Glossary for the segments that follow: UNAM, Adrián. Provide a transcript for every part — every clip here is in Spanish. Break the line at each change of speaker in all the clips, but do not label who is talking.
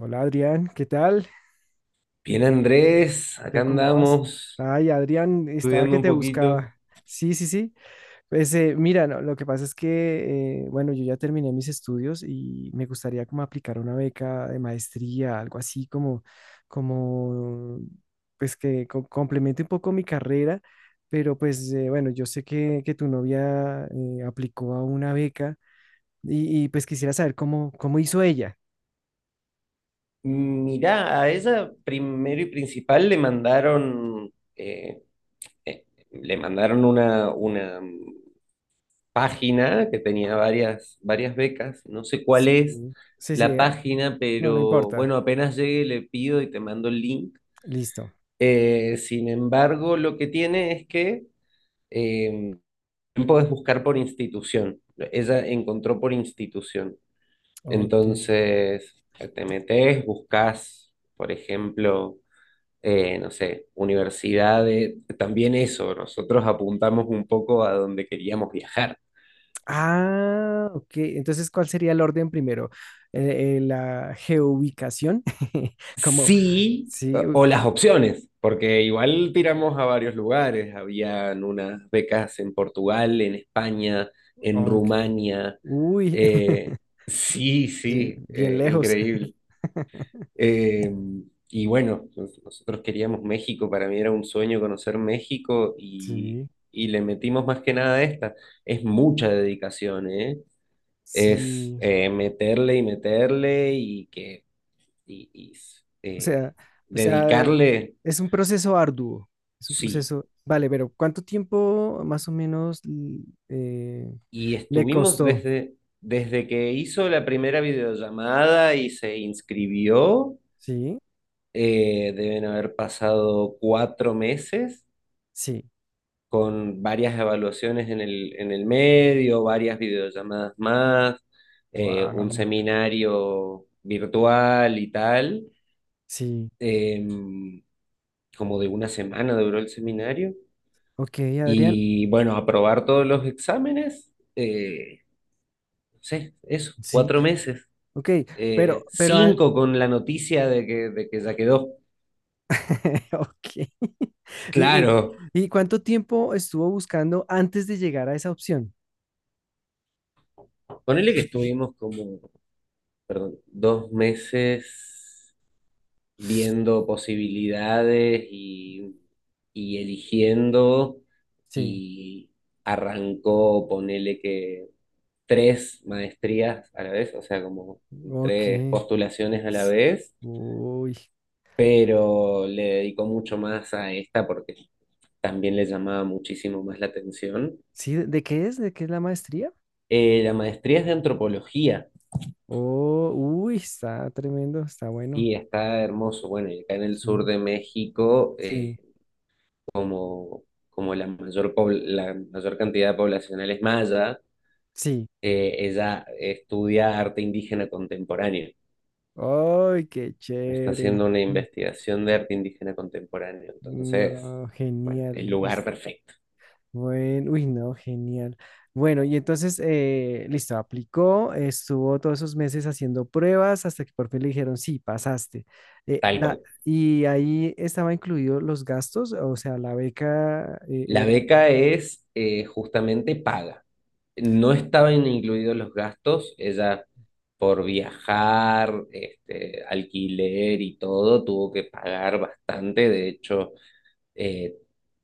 Hola Adrián, ¿qué tal?
Bien, Andrés, acá
¿Yo cómo vas?
andamos
Ay, Adrián, estaba
estudiando
que
un
te
poquito.
buscaba. Sí, sí, sí. Pues mira, no, lo que pasa es que, bueno, yo ya terminé mis estudios y me gustaría como aplicar una beca de maestría, algo así como, pues que complemente un poco mi carrera, pero pues bueno, yo sé que tu novia aplicó a una beca pues quisiera saber cómo hizo ella.
Mirá, a ella primero y principal eh, le mandaron una página que tenía varias becas. No sé cuál es
Sí, sí,
la
sí, ah,
página,
no, no
pero bueno,
importa.
apenas llegue le pido y te mando el link.
Listo.
Sin embargo, lo que tiene es que eh, podés buscar por institución. Ella encontró por institución.
Ok.
Entonces, te metes, buscas, por ejemplo, no sé, universidades, también eso, nosotros apuntamos un poco a donde queríamos viajar.
Ah, ok. Entonces, ¿cuál sería el orden primero? La geoubicación. Como,
Sí,
sí,
o las opciones, porque igual tiramos a varios lugares, habían unas becas en Portugal, en España, en
ok.
Rumania.
Uy,
eh, sí,
sí,
sí,
bien lejos.
increíble. Eh, y bueno, nosotros queríamos México, para mí era un sueño conocer México
Sí,
y le metimos más que nada a esta. Es mucha dedicación, ¿eh? Es
sí.
meterle y meterle y,
O
eh,
sea, o sea,
dedicarle,
es un proceso arduo. Es un
sí.
proceso. Vale, pero ¿cuánto tiempo más o menos eh,
Y
le costó?
desde que hizo la primera videollamada y se inscribió,
Sí,
deben haber pasado 4 meses
sí.
con varias evaluaciones en el medio, varias videollamadas más, un
Wow.
seminario virtual y tal.
Sí.
Eh, Como de una semana duró el seminario.
Ok, Adrián.
Y bueno, aprobar todos los exámenes, no sé, eso,
Sí.
4 meses.
Ok, pero, pero, an-
Cinco con la noticia de que ya quedó.
ok. ¿Y, y,
Claro,
y cuánto tiempo estuvo buscando antes de llegar a esa opción?
ponele que estuvimos como, perdón, 2 meses viendo posibilidades y eligiendo
Sí,
y arrancó, ponele que 3 maestrías a la vez, o sea, como
ok.
3 postulaciones a la
S-
vez,
Uy,
pero le dedicó mucho más a esta porque también le llamaba muchísimo más la atención.
sí, ¿de qué es? ¿De qué es la maestría?
La maestría es de antropología
Oh, uy, está tremendo, está bueno.
y está hermoso. Bueno, y acá en el sur
Sí,
de México,
sí,
como, como la la mayor cantidad de poblacional es maya,
sí.
ella estudia arte indígena contemporáneo.
¡Ay, qué
Está
chévere!
haciendo una investigación de arte indígena contemporáneo. Entonces,
No,
bueno, el
genial.
lugar perfecto,
Bueno, uy, no, genial. Bueno, y entonces, listo, aplicó, estuvo todos esos meses haciendo pruebas hasta que por fin le dijeron, sí, pasaste.
tal cual.
Y ahí estaba incluido los gastos, o sea, la beca
La
era,
beca es justamente paga. No estaban incluidos los gastos, ella por viajar, este, alquiler y todo, tuvo que pagar bastante. De hecho, Eh,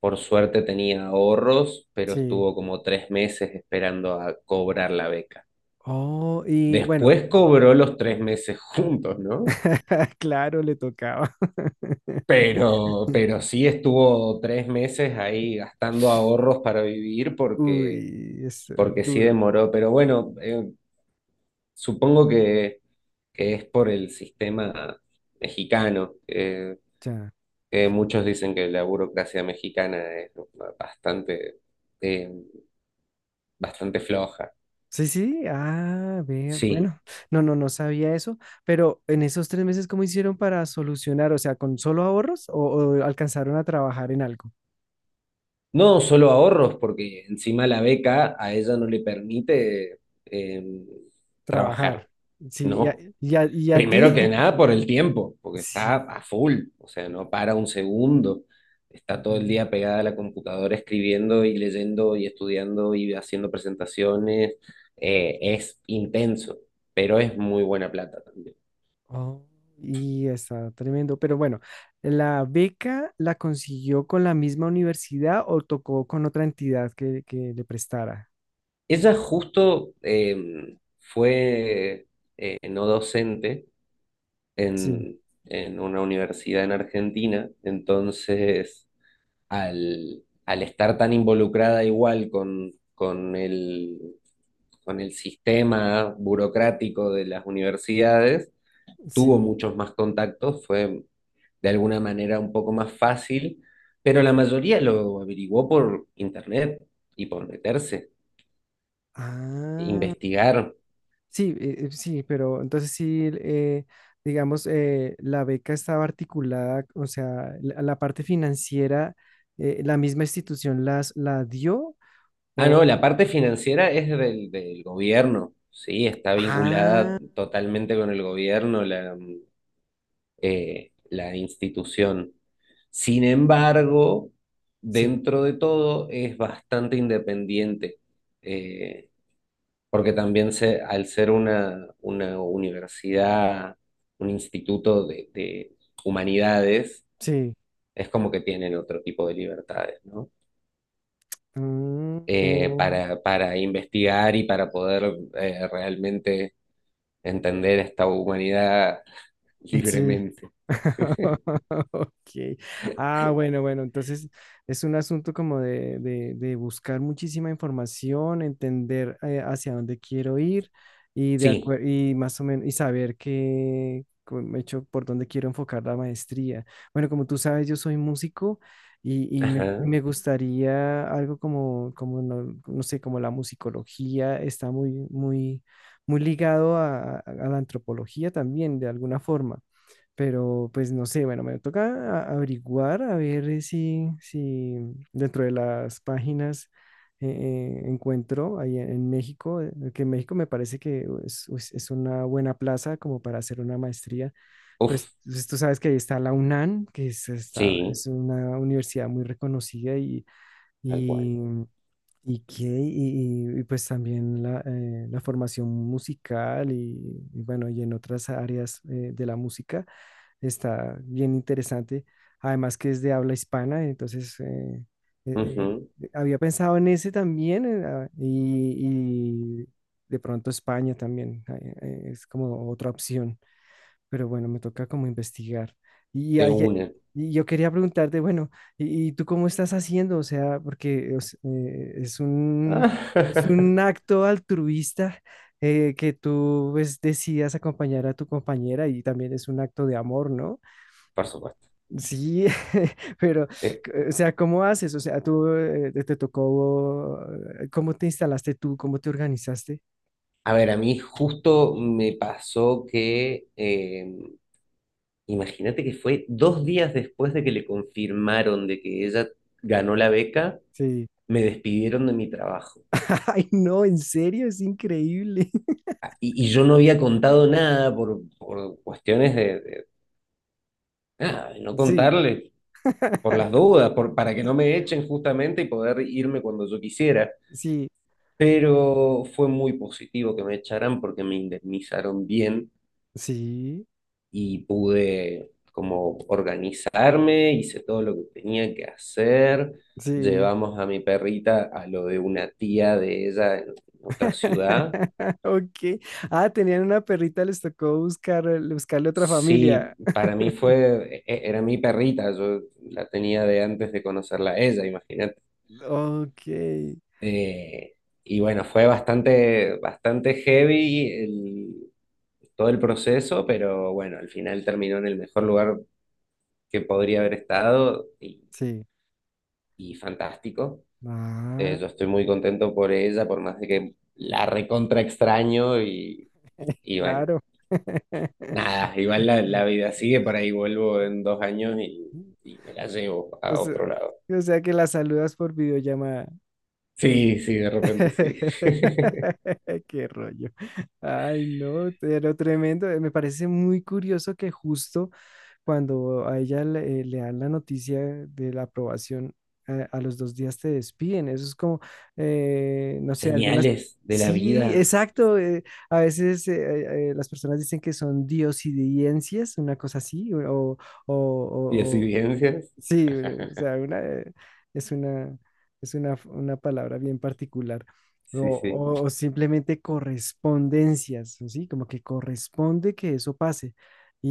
por suerte tenía ahorros, pero
sí.
estuvo como 3 meses esperando a cobrar la beca.
Oh, y bueno,
Después cobró los 3 meses juntos, ¿no?
claro, le tocaba.
Pero sí estuvo 3 meses ahí gastando ahorros para vivir porque,
Uy, es
porque sí
duro.
demoró. Pero bueno, supongo que es por el sistema mexicano,
Ya.
que muchos dicen que la burocracia mexicana es bastante, eh, bastante floja.
Sí, sí, ah, ve,
Sí,
bueno, no, no, no sabía eso, pero en esos tres meses, ¿cómo hicieron para solucionar? O sea, ¿con solo ahorros o alcanzaron a trabajar en algo?
no solo ahorros, porque encima la beca a ella no le permite eh, trabajar,
Trabajar, sí, y a,
¿no?
y a- y a
Primero
ti,
que nada por el tiempo, porque está
sí.
a full, o sea, no para un segundo, está todo el
Mm,
día pegada a la computadora escribiendo y leyendo y estudiando y haciendo presentaciones, es intenso, pero es muy buena plata también.
oh, y está tremendo, pero bueno, ¿la beca la consiguió con la misma universidad o tocó con otra entidad que le prestara?
Ella justo fue no docente
Sí,
en, en una universidad en Argentina, entonces al estar tan involucrada igual con el sistema burocrático de las universidades, tuvo
sí.
muchos más contactos, fue de alguna manera un poco más fácil, pero la mayoría lo averiguó por internet y por meterse,
Ah,
investigar.
sí, sí, pero entonces sí, digamos, la beca estaba articulada, o sea, la parte financiera, la misma institución la dio,
Ah,
o,
no, la parte financiera es del gobierno, sí, está vinculada
ah,
totalmente con el gobierno, la institución. Sin embargo,
sí,
dentro de todo es bastante independiente, eh, porque también se, al ser una universidad, un instituto de humanidades,
sí,
es como que tienen otro tipo de libertades, ¿no?
mm, oh,
Para investigar y para poder realmente entender esta humanidad
sí,
libremente.
ok. Ah, bueno, bueno, entonces es un asunto como de buscar muchísima información, entender hacia dónde quiero ir y
Sí,
y más o menos y saber qué como he hecho por dónde quiero enfocar la maestría. Bueno, como tú sabes, yo soy músico y
ajá,
me gustaría algo como, como no, no sé, como la musicología está muy ligado a a la antropología también, de alguna forma. Pero pues no sé, bueno, me toca averiguar a ver eh, si dentro de las páginas encuentro ahí en México, que en México me parece que es una buena plaza como para hacer una maestría. Pues,
uf,
pues, tú sabes que ahí está la UNAM, está
sí,
es una universidad muy reconocida
tal cual.
y, y, pues también la formación musical y bueno, y en otras áreas de la música está bien interesante. Además que es de habla hispana, entonces eh,
Ujú,
había pensado en ese también ah, y de pronto España también es como otra opción, pero bueno, me toca como investigar. Y,
de
hay-
una.
y yo quería preguntarte, bueno, y tú cómo estás haciendo? O sea, porque
Ah,
es un acto altruista que tú pues, decidas acompañar a tu compañera y también es un acto de amor, ¿no?
por supuesto.
Sí, pero,
Eh,
o sea, ¿cómo haces? O sea, tú te tocó, ¿cómo te instalaste tú? ¿Cómo te organizaste?
a ver, a mí justo me pasó que imagínate que fue 2 días después de que le confirmaron de que ella ganó la beca,
Sí.
me despidieron de mi trabajo.
Ay, no, en serio, es increíble.
Y yo no había contado nada por cuestiones nada, de no
Sí,
contarle, por las dudas, por, para que no me echen justamente y poder irme cuando yo quisiera.
sí,
Pero fue muy positivo que me echaran porque me indemnizaron bien
sí,
y pude como organizarme, hice todo lo que tenía que hacer.
sí.
Llevamos a mi perrita a lo de una tía de ella en otra ciudad.
Ok. Ah, tenían una perrita, les tocó buscar, buscarle otra familia.
Sí, para mí era mi perrita, yo la tenía de antes de conocerla a ella, imagínate.
Ok,
Eh, y bueno, fue bastante heavy todo el proceso, pero bueno, al final terminó en el mejor lugar que podría haber estado
sí.
y fantástico.
Ah,
Yo estoy muy contento por ella, por más de que la recontra extraño y bueno,
claro.
nada, igual la vida sigue, por ahí vuelvo en 2 años y me la llevo
O
a
sea,
otro lado.
o sea que la saludas por videollamada.
Sí, sí, de repente sí.
Qué rollo. Ay, no, pero tremendo. Me parece muy curioso que justo cuando a ella le dan la noticia de la aprobación, a los dos días te despiden. Eso es como, no sé, algunas...
Señales de la
Sí,
vida.
exacto. A veces las personas dicen que son diosidencias, una cosa así, o, o,
Y
o,
evidencias.
sí, o sea, una, es una, es una palabra bien particular. O,
Sí, sí.
o simplemente correspondencias, ¿sí? Como que corresponde que eso pase.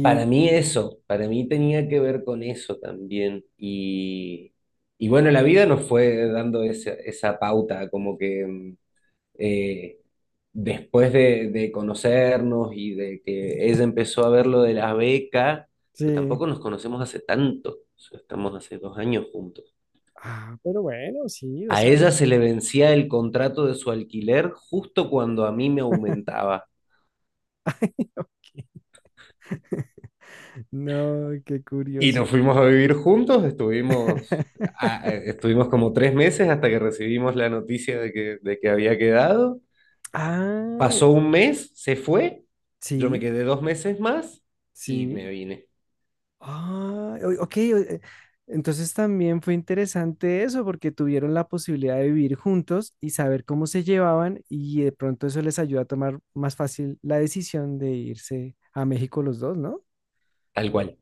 Para mí eso, para mí tenía que ver con eso también. Y bueno, la vida nos fue dando esa, esa pauta, como que eh, después de conocernos y de que ella empezó a ver lo de la beca, pero
sí,
tampoco nos conocemos hace tanto, o sea, estamos hace 2 años juntos.
ah, pero bueno, sí,
A
dos
ella
años.
se le vencía el contrato de su alquiler justo cuando a mí me aumentaba.
Ay, ok. No, qué
Y
curioso.
nos fuimos a vivir juntos, estuvimos como 3 meses hasta que recibimos la noticia de que había quedado.
Ah,
Pasó 1 mes, se fue, yo me
sí,
quedé 2 meses más y me
sí.
vine.
Ah, ok. Entonces también fue interesante eso porque tuvieron la posibilidad de vivir juntos y saber cómo se llevaban y de pronto eso les ayuda a tomar más fácil la decisión de irse a México los dos, ¿no?
Tal cual,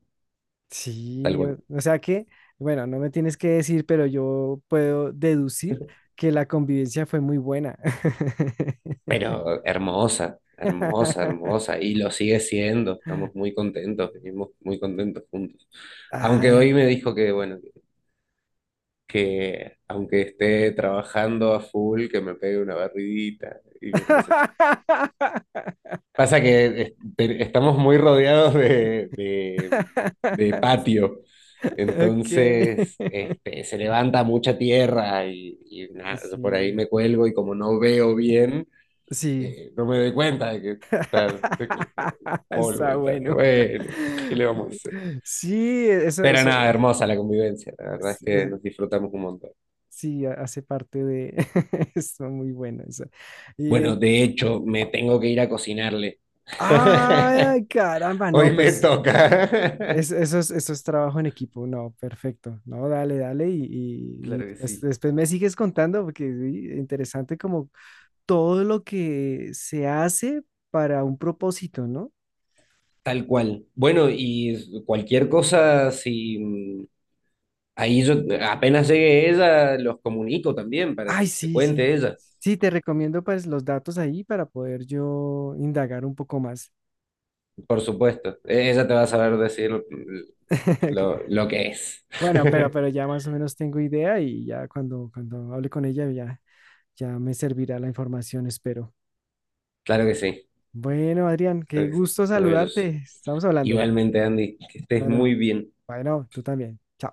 tal
Sí,
cual.
bueno, no me tienes que decir, pero yo puedo deducir que la convivencia fue muy buena.
Pero hermosa, hermosa, hermosa. Y lo sigue siendo, estamos muy contentos, vivimos muy contentos juntos. Aunque
Ah.
hoy me dijo que, bueno, que aunque esté trabajando a full, que me pegue una barridita y me parece perfecto. Pasa que estamos muy rodeados de patio,
Ok.
entonces este, se levanta mucha tierra y nada, yo por ahí
Sí,
me cuelgo y como no veo bien,
sí.
no me doy cuenta de que está de que polvo
Está
y tal.
bueno.
Bueno, ¿qué le vamos a hacer?
Sí, eso,
Pero nada,
eso,
hermosa la convivencia, la verdad es
es-
que
eh,
nos disfrutamos un montón.
sí, hace parte de, está muy bueno eso. Y,
Bueno,
en-
de hecho, me tengo que ir a cocinarle.
ay, caramba,
Hoy
no,
me
pues,
toca.
eso es trabajo en equipo, no, perfecto, no, dale, dale, y
Claro que
después,
sí.
después me sigues contando, porque sí, interesante como todo lo que se hace para un propósito, ¿no?
Tal cual. Bueno, y cualquier cosa, si mm, ahí yo apenas llegue ella, los comunico también para
Ay,
que te
sí, sí.
cuente ella,
Sí, te recomiendo pues los datos ahí para poder yo indagar un poco más.
por supuesto. Ella te va a saber decir lo que es.
Bueno, pero ya más o menos tengo idea y ya cuando hable con ella ya, ya me servirá la información, espero.
Claro que sí,
Bueno, Adrián, qué
claro que sí.
gusto saludarte.
Maravilloso.
Estamos hablando.
Igualmente, Andy, que estés
Bueno,
muy bien.
bueno, tú también. Chao.